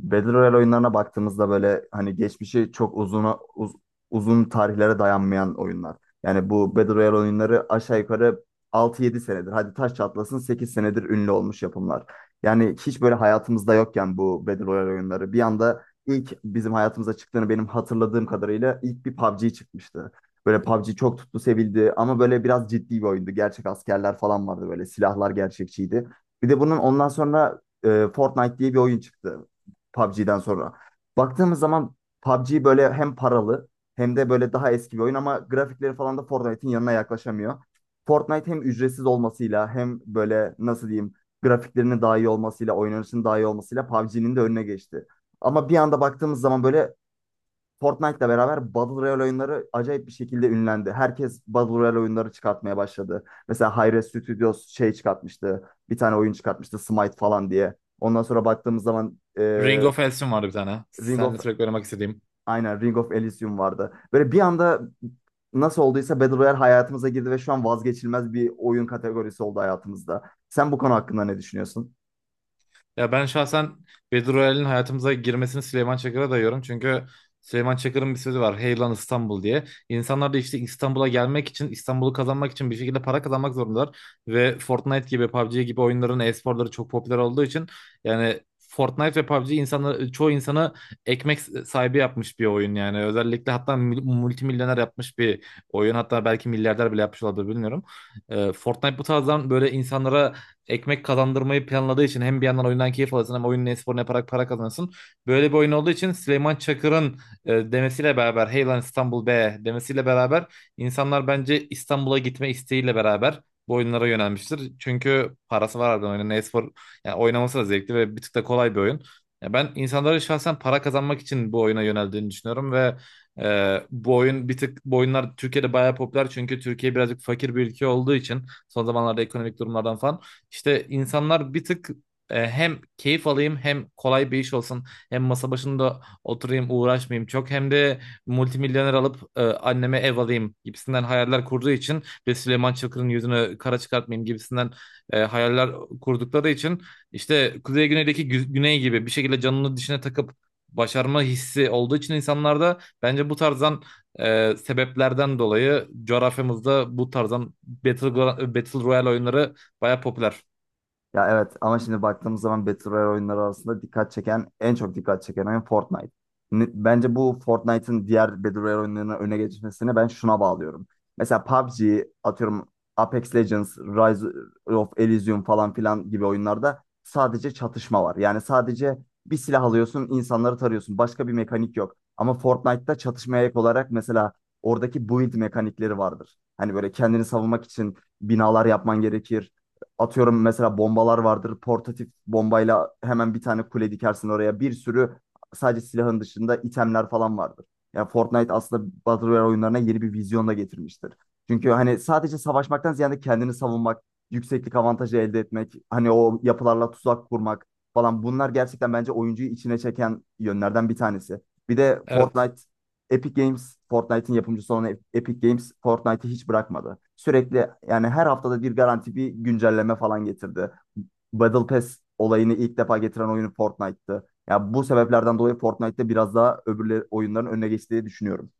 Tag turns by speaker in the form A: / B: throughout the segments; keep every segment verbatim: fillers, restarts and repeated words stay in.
A: Battle Royale oyunlarına baktığımızda böyle hani geçmişi çok uzun uzun tarihlere dayanmayan oyunlar. Yani bu Battle Royale oyunları aşağı yukarı altı yedi senedir. Hadi taş çatlasın sekiz senedir ünlü olmuş yapımlar. Yani hiç böyle hayatımızda yokken bu Battle Royale oyunları bir anda ilk bizim hayatımıza çıktığını benim hatırladığım kadarıyla ilk bir P U B G çıkmıştı. Böyle P U B G çok tuttu, sevildi ama böyle biraz ciddi bir oyundu. Gerçek askerler falan vardı böyle silahlar gerçekçiydi. Bir de bunun ondan sonra e, Fortnite diye bir oyun çıktı. P U B G'den sonra. Baktığımız zaman P U B G böyle hem paralı hem de böyle daha eski bir oyun ama grafikleri falan da Fortnite'in yanına yaklaşamıyor. Fortnite hem ücretsiz olmasıyla hem böyle nasıl diyeyim grafiklerinin daha iyi olmasıyla, oynanışının daha iyi olmasıyla P U B G'nin de önüne geçti. Ama bir anda baktığımız zaman böyle Fortnite'la beraber Battle Royale oyunları acayip bir şekilde ünlendi. Herkes Battle Royale oyunları çıkartmaya başladı. Mesela Hi-Rez Studios şey çıkartmıştı. Bir tane oyun çıkartmıştı Smite falan diye. Ondan sonra baktığımız zaman
B: Ring
A: e,
B: of Elsin vardı bir tane.
A: Ring
B: Seninle
A: of
B: sürekli oynamak istediğim.
A: aynen Ring of Elysium vardı. Böyle bir anda nasıl olduysa Battle Royale hayatımıza girdi ve şu an vazgeçilmez bir oyun kategorisi oldu hayatımızda. Sen bu konu hakkında ne düşünüyorsun?
B: Ya ben şahsen Battle Royale'in hayatımıza girmesini Süleyman Çakır'a dayıyorum. Çünkü Süleyman Çakır'ın bir sözü var. Hey lan İstanbul diye. İnsanlar da işte İstanbul'a gelmek için, İstanbul'u kazanmak için bir şekilde para kazanmak zorundalar. Ve Fortnite gibi, P U B G gibi oyunların e-sporları çok popüler olduğu için yani Fortnite ve P U B G insanları, çoğu insanı ekmek sahibi yapmış bir oyun yani. Özellikle hatta mil- multimilyoner yapmış bir oyun. Hatta belki milyarder bile yapmış olabilir bilmiyorum. Ee, Fortnite bu tarzdan böyle insanlara ekmek kazandırmayı planladığı için hem bir yandan oyundan keyif alırsın hem oyunun esporunu yaparak para kazanırsın. Böyle bir oyun olduğu için Süleyman Çakır'ın e, demesiyle beraber hey lan İstanbul be demesiyle beraber insanlar bence İstanbul'a gitme isteğiyle beraber bu oyunlara yönelmiştir. Çünkü parası var, ardından oyunun espor yani oynaması da zevkli ve bir tık da kolay bir oyun. Ya ben insanların şahsen para kazanmak için bu oyuna yöneldiğini düşünüyorum ve ee, bu oyun bir tık bu oyunlar Türkiye'de bayağı popüler, çünkü Türkiye birazcık fakir bir ülke olduğu için, son zamanlarda ekonomik durumlardan falan, işte insanlar bir tık, e, hem keyif alayım, hem kolay bir iş olsun, hem masa başında oturayım uğraşmayayım çok, hem de multimilyoner alıp e, anneme ev alayım gibisinden hayaller kurduğu için ve Süleyman Çakır'ın yüzünü kara çıkartmayayım gibisinden e, hayaller kurdukları için, işte Kuzey Güney'deki gü- Güney gibi bir şekilde canını dişine takıp başarma hissi olduğu için insanlarda, bence bu tarzdan e, sebeplerden dolayı coğrafyamızda bu tarzdan Battle, Gro- Battle Royale oyunları baya popüler.
A: Ya evet ama şimdi baktığımız zaman Battle Royale oyunları arasında dikkat çeken, en çok dikkat çeken oyun Fortnite. Ne- Bence bu Fortnite'ın diğer Battle Royale oyunlarına öne geçmesini ben şuna bağlıyorum. Mesela P U B G, atıyorum Apex Legends, Rise of Elysium falan filan gibi oyunlarda sadece çatışma var. Yani sadece bir silah alıyorsun, insanları tarıyorsun. Başka bir mekanik yok. Ama Fortnite'da çatışmaya ek olarak mesela oradaki build mekanikleri vardır. Hani böyle kendini savunmak için binalar yapman gerekir. Atıyorum mesela bombalar vardır. Portatif bombayla hemen bir tane kule dikersin oraya. Bir sürü sadece silahın dışında itemler falan vardır. Ya Fortnite aslında Battle Royale oyunlarına yeni bir vizyon da getirmiştir. Çünkü hani sadece savaşmaktan ziyade kendini savunmak, yükseklik avantajı elde etmek, hani o yapılarla tuzak kurmak falan bunlar gerçekten bence oyuncuyu içine çeken yönlerden bir tanesi. Bir de
B: Evet.
A: Fortnite Epic Games Fortnite'in yapımcısı olan Epic Games Fortnite'ı hiç bırakmadı. Sürekli yani her haftada bir garanti bir güncelleme falan getirdi. Battle Pass olayını ilk defa getiren oyunu Fortnite'tı. Ya bu sebeplerden dolayı Fortnite'te biraz daha öbürleri oyunların önüne geçtiği düşünüyorum.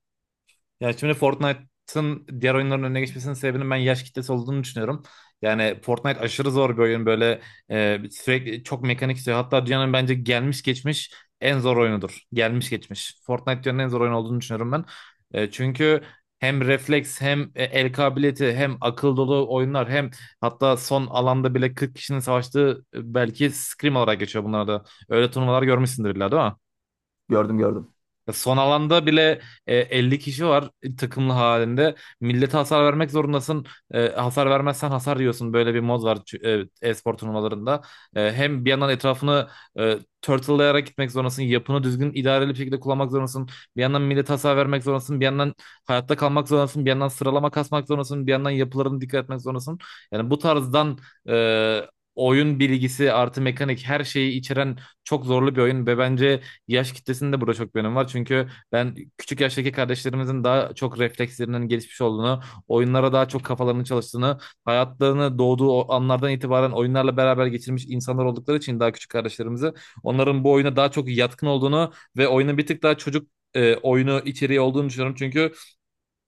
B: Yani şimdi Fortnite'ın diğer oyunların önüne geçmesinin sebebinin ben yaş kitlesi olduğunu düşünüyorum. Yani Fortnite aşırı zor bir oyun, böyle e, sürekli çok mekanik istiyor. Hatta dünyanın bence gelmiş geçmiş en zor oyunudur. Gelmiş geçmiş. Fortnite dünyanın en zor oyunu olduğunu düşünüyorum ben. E, çünkü hem refleks, hem e, el kabiliyeti, hem akıl dolu oyunlar, hem hatta son alanda bile kırk kişinin savaştığı, e, belki scrim olarak geçiyor bunlarda. Öyle turnuvalar görmüşsündür illa, değil mi?
A: Gördüm, gördüm.
B: Son alanda bile e, elli kişi var, e, takımlı halinde. Millete hasar vermek zorundasın. E, hasar vermezsen hasar yiyorsun. Böyle bir mod var çü- e, e-spor turnuvalarında. E, hem bir yandan etrafını e, turtle'layarak gitmek zorundasın. Yapını düzgün, idareli bir şekilde kullanmak zorundasın. Bir yandan millete hasar vermek zorundasın. Bir yandan hayatta kalmak zorundasın. Bir yandan sıralama kasmak zorundasın. Bir yandan yapılarını dikkat etmek zorundasın. Yani bu tarzdan e, oyun bilgisi artı mekanik, her şeyi içeren çok zorlu bir oyun ve bence yaş kitlesinin de burada çok bir önemi var. Çünkü ben küçük yaştaki kardeşlerimizin daha çok reflekslerinin gelişmiş olduğunu, oyunlara daha çok kafalarının çalıştığını, hayatlarını doğduğu o anlardan itibaren oyunlarla beraber geçirmiş insanlar oldukları için, daha küçük kardeşlerimizi, onların bu oyuna daha çok yatkın olduğunu ve oyunun bir tık daha çocuk e, oyunu içeriği olduğunu düşünüyorum. Çünkü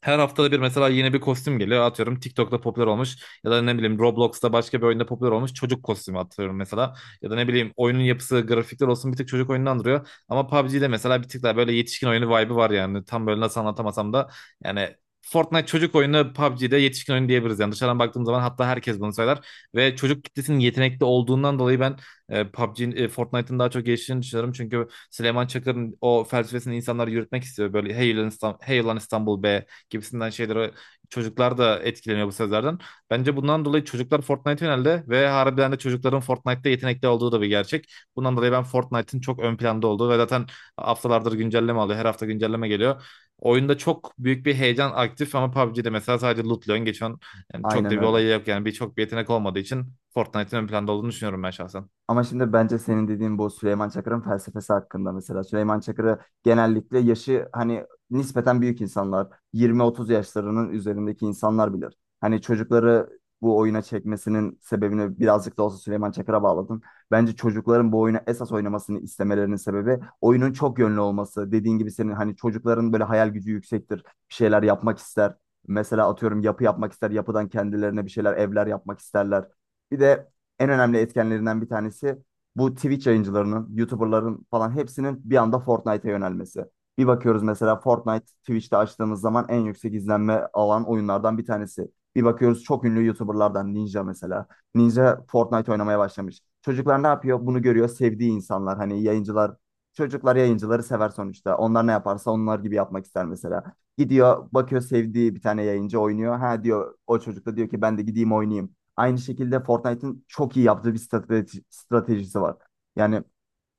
B: her haftada bir mesela yeni bir kostüm geliyor. Atıyorum TikTok'ta popüler olmuş ya da ne bileyim Roblox'ta başka bir oyunda popüler olmuş çocuk kostümü atıyorum mesela. Ya da ne bileyim, oyunun yapısı, grafikler olsun bir tık çocuk oyununu andırıyor. Ama P U B G'de mesela bir tık daha böyle yetişkin oyunu vibe'ı var yani. Tam böyle nasıl anlatamasam da yani Fortnite çocuk oyunu, P U B G'de yetişkin oyunu diyebiliriz. Yani dışarıdan baktığım zaman hatta herkes bunu söyler. Ve çocuk kitlesinin yetenekli olduğundan dolayı ben e, PUBG, e, Fortnite'ın daha çok geliştiğini düşünüyorum. Çünkü Süleyman Çakır'ın o felsefesini insanlar yürütmek istiyor. Böyle hey ulan İstanbul, hey ulan İstanbul be gibisinden şeylere çocuklar da etkileniyor bu sözlerden. Bence bundan dolayı çocuklar Fortnite yöneldi ve harbiden de çocukların Fortnite'da yetenekli olduğu da bir gerçek. Bundan dolayı ben Fortnite'ın çok ön planda olduğu ve zaten haftalardır güncelleme alıyor. Her hafta güncelleme geliyor. Oyunda çok büyük bir heyecan aktif, ama P U B G'de mesela sadece lootluyorsun, geçiyorsun. Yani çok
A: Aynen
B: da bir
A: öyle.
B: olayı yok yani, bir çok bir yetenek olmadığı için Fortnite'ın ön planda olduğunu düşünüyorum ben şahsen.
A: Ama şimdi bence senin dediğin bu Süleyman Çakır'ın felsefesi hakkında mesela. Süleyman Çakır'ı genellikle yaşı hani nispeten büyük insanlar, yirmi otuz yaşlarının üzerindeki insanlar bilir. Hani çocukları bu oyuna çekmesinin sebebini birazcık da olsa Süleyman Çakır'a bağladım. Bence çocukların bu oyunu esas oynamasını istemelerinin sebebi oyunun çok yönlü olması. Dediğin gibi senin hani çocukların böyle hayal gücü yüksektir, bir şeyler yapmak ister. Mesela atıyorum yapı yapmak ister, yapıdan kendilerine bir şeyler, evler yapmak isterler. Bir de en önemli etkenlerinden bir tanesi bu Twitch yayıncılarının, YouTuber'ların falan hepsinin bir anda Fortnite'a yönelmesi. Bir bakıyoruz mesela Fortnite Twitch'te açtığımız zaman en yüksek izlenme alan oyunlardan bir tanesi. Bir bakıyoruz çok ünlü YouTuber'lardan Ninja mesela. Ninja Fortnite oynamaya başlamış. Çocuklar ne yapıyor? Bunu görüyor sevdiği insanlar. Hani yayıncılar, çocuklar yayıncıları sever sonuçta. Onlar ne yaparsa onlar gibi yapmak ister mesela. Gidiyor bakıyor sevdiği bir tane yayıncı oynuyor. Ha diyor o çocuk da diyor ki ben de gideyim oynayayım. Aynı şekilde Fortnite'ın çok iyi yaptığı bir strateji, stratejisi var. Yani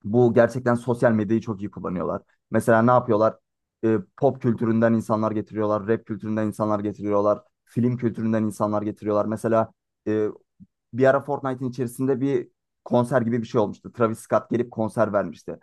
A: bu gerçekten sosyal medyayı çok iyi kullanıyorlar. Mesela ne yapıyorlar? E, pop kültüründen insanlar getiriyorlar, rap kültüründen insanlar getiriyorlar, film kültüründen insanlar getiriyorlar. Mesela e, bir ara Fortnite'ın içerisinde bir konser gibi bir şey olmuştu. Travis Scott gelip konser vermişti.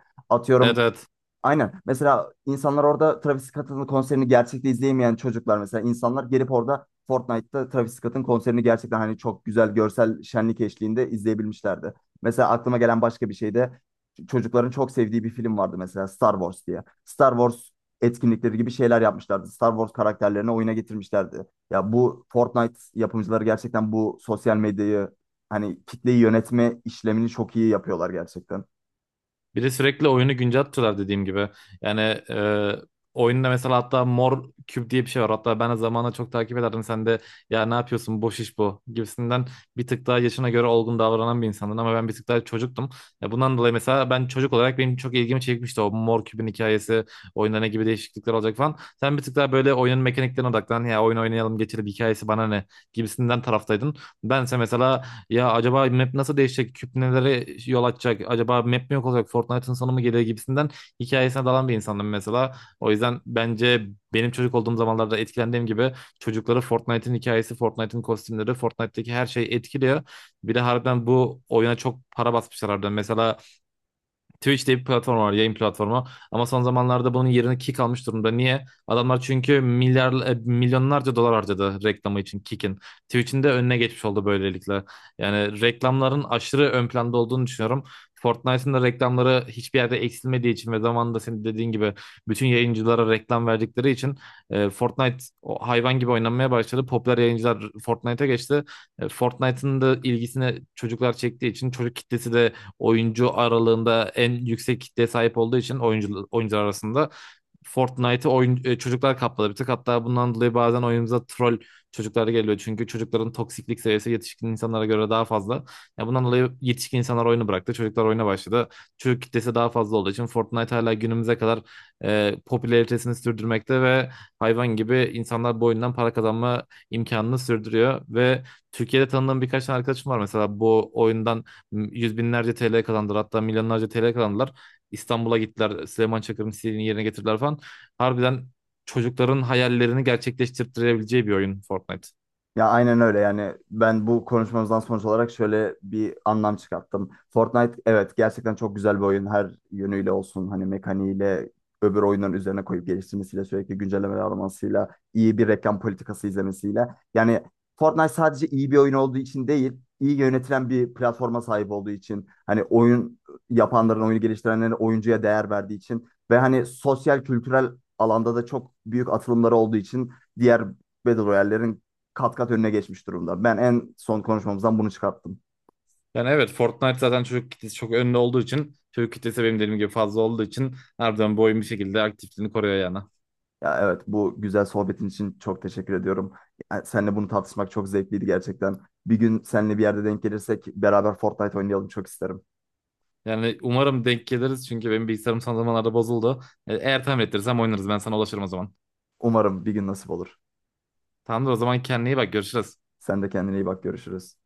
B: Evet,
A: Atıyorum
B: evet.
A: aynen. Mesela insanlar orada Travis Scott'ın konserini gerçekte izleyemeyen çocuklar mesela insanlar gelip orada Fortnite'ta Travis Scott'ın konserini gerçekten hani çok güzel görsel şenlik eşliğinde izleyebilmişlerdi. Mesela aklıma gelen başka bir şey de çocukların çok sevdiği bir film vardı mesela Star Wars diye. Star Wars etkinlikleri gibi şeyler yapmışlardı. Star Wars karakterlerini oyuna getirmişlerdi. Ya bu Fortnite yapımcıları gerçekten bu sosyal medyayı hani kitleyi yönetme işlemini çok iyi yapıyorlar gerçekten.
B: Bir de sürekli oyunu güncel, dediğim gibi. Yani e, oyunda mesela hatta mor küp diye bir şey var. Hatta ben de zamanla çok takip ederdim. Sen de ya ne yapıyorsun boş iş bu gibisinden, bir tık daha yaşına göre olgun davranan bir insandın. Ama ben bir tık daha çocuktum. Ya bundan dolayı mesela ben çocuk olarak, benim çok ilgimi çekmişti o mor küpün hikayesi. Oyunda ne gibi değişiklikler olacak falan. Sen bir tık daha böyle oyunun mekaniklerine odaklan, ya oyun oynayalım geçelim, hikayesi bana ne gibisinden taraftaydın. Bense mesela ya acaba map nasıl değişecek? Küp nelere yol açacak? Acaba map mi yok olacak? Fortnite'ın sonu mu gelir gibisinden hikayesine dalan bir insandım mesela. O yüzden bence benim çocuk olduğum zamanlarda etkilendiğim gibi çocukları Fortnite'ın hikayesi, Fortnite'ın kostümleri, Fortnite'daki her şey etkiliyor. Bir de harbiden bu oyuna çok para basmışlar harbiden. Mesela Twitch diye bir platform var, yayın platformu. Ama son zamanlarda bunun yerini Kick almış durumda. Niye? Adamlar çünkü milyar, e, milyonlarca dolar harcadı reklamı için Kick'in. Twitch'in de önüne geçmiş oldu böylelikle. Yani reklamların aşırı ön planda olduğunu düşünüyorum. Fortnite'ın da reklamları hiçbir yerde eksilmediği için ve zamanında senin dediğin gibi bütün yayıncılara reklam verdikleri için e, Fortnite o hayvan gibi oynanmaya başladı. Popüler yayıncılar Fortnite'a geçti. E, Fortnite'ın da ilgisini çocuklar çektiği için, çocuk kitlesi de oyuncu aralığında en yüksek kitleye sahip olduğu için, oyuncu, oyuncular arasında Fortnite'ı oyun, e, çocuklar kapladı bir tık. Hatta bundan dolayı bazen oyunumuza troll çocuklar geliyor. Çünkü çocukların toksiklik seviyesi yetişkin insanlara göre daha fazla. Ya bundan dolayı yetişkin insanlar oyunu bıraktı. Çocuklar oyuna başladı. Çocuk kitlesi daha fazla olduğu için Fortnite hala günümüze kadar e, popülaritesini sürdürmekte ve hayvan gibi insanlar bu oyundan para kazanma imkanını sürdürüyor ve Türkiye'de tanıdığım birkaç tane arkadaşım var, mesela bu oyundan yüz binlerce T L kazandılar, hatta milyonlarca T L kazandılar. İstanbul'a gittiler, Süleyman Çakır'ın istediğini yerine getirdiler falan. Harbiden çocukların hayallerini gerçekleştirebileceği bir oyun Fortnite.
A: Ya aynen öyle yani ben bu konuşmamızdan sonuç olarak şöyle bir anlam çıkarttım. Fortnite evet gerçekten çok güzel bir oyun her yönüyle olsun hani mekaniğiyle öbür oyunların üzerine koyup geliştirmesiyle sürekli güncellemeler almasıyla iyi bir reklam politikası izlemesiyle. Yani Fortnite sadece iyi bir oyun olduğu için değil iyi yönetilen bir platforma sahip olduğu için hani oyun yapanların oyunu geliştirenlerin oyuncuya değer verdiği için ve hani sosyal kültürel alanda da çok büyük atılımları olduğu için diğer Battle Royale'lerin kat kat önüne geçmiş durumda. Ben en son konuşmamızdan bunu çıkarttım.
B: Yani evet, Fortnite zaten çocuk kitlesi çok önde olduğu için, çocuk kitlesi benim dediğim gibi fazla olduğu için, harbiden bu oyun bir şekilde aktifliğini koruyor yani.
A: Ya evet bu güzel sohbetin için çok teşekkür ediyorum. Yani seninle bunu tartışmak çok zevkliydi gerçekten. Bir gün seninle bir yerde denk gelirsek beraber Fortnite oynayalım çok isterim.
B: Yani umarım denk geliriz çünkü benim bilgisayarım son zamanlarda bozuldu. E, Eğer tamir ettirirsem oynarız, ben sana ulaşırım o zaman.
A: Umarım bir gün nasip olur.
B: Tamamdır, o zaman kendine iyi bak, görüşürüz.
A: Sen de kendine iyi bak, görüşürüz.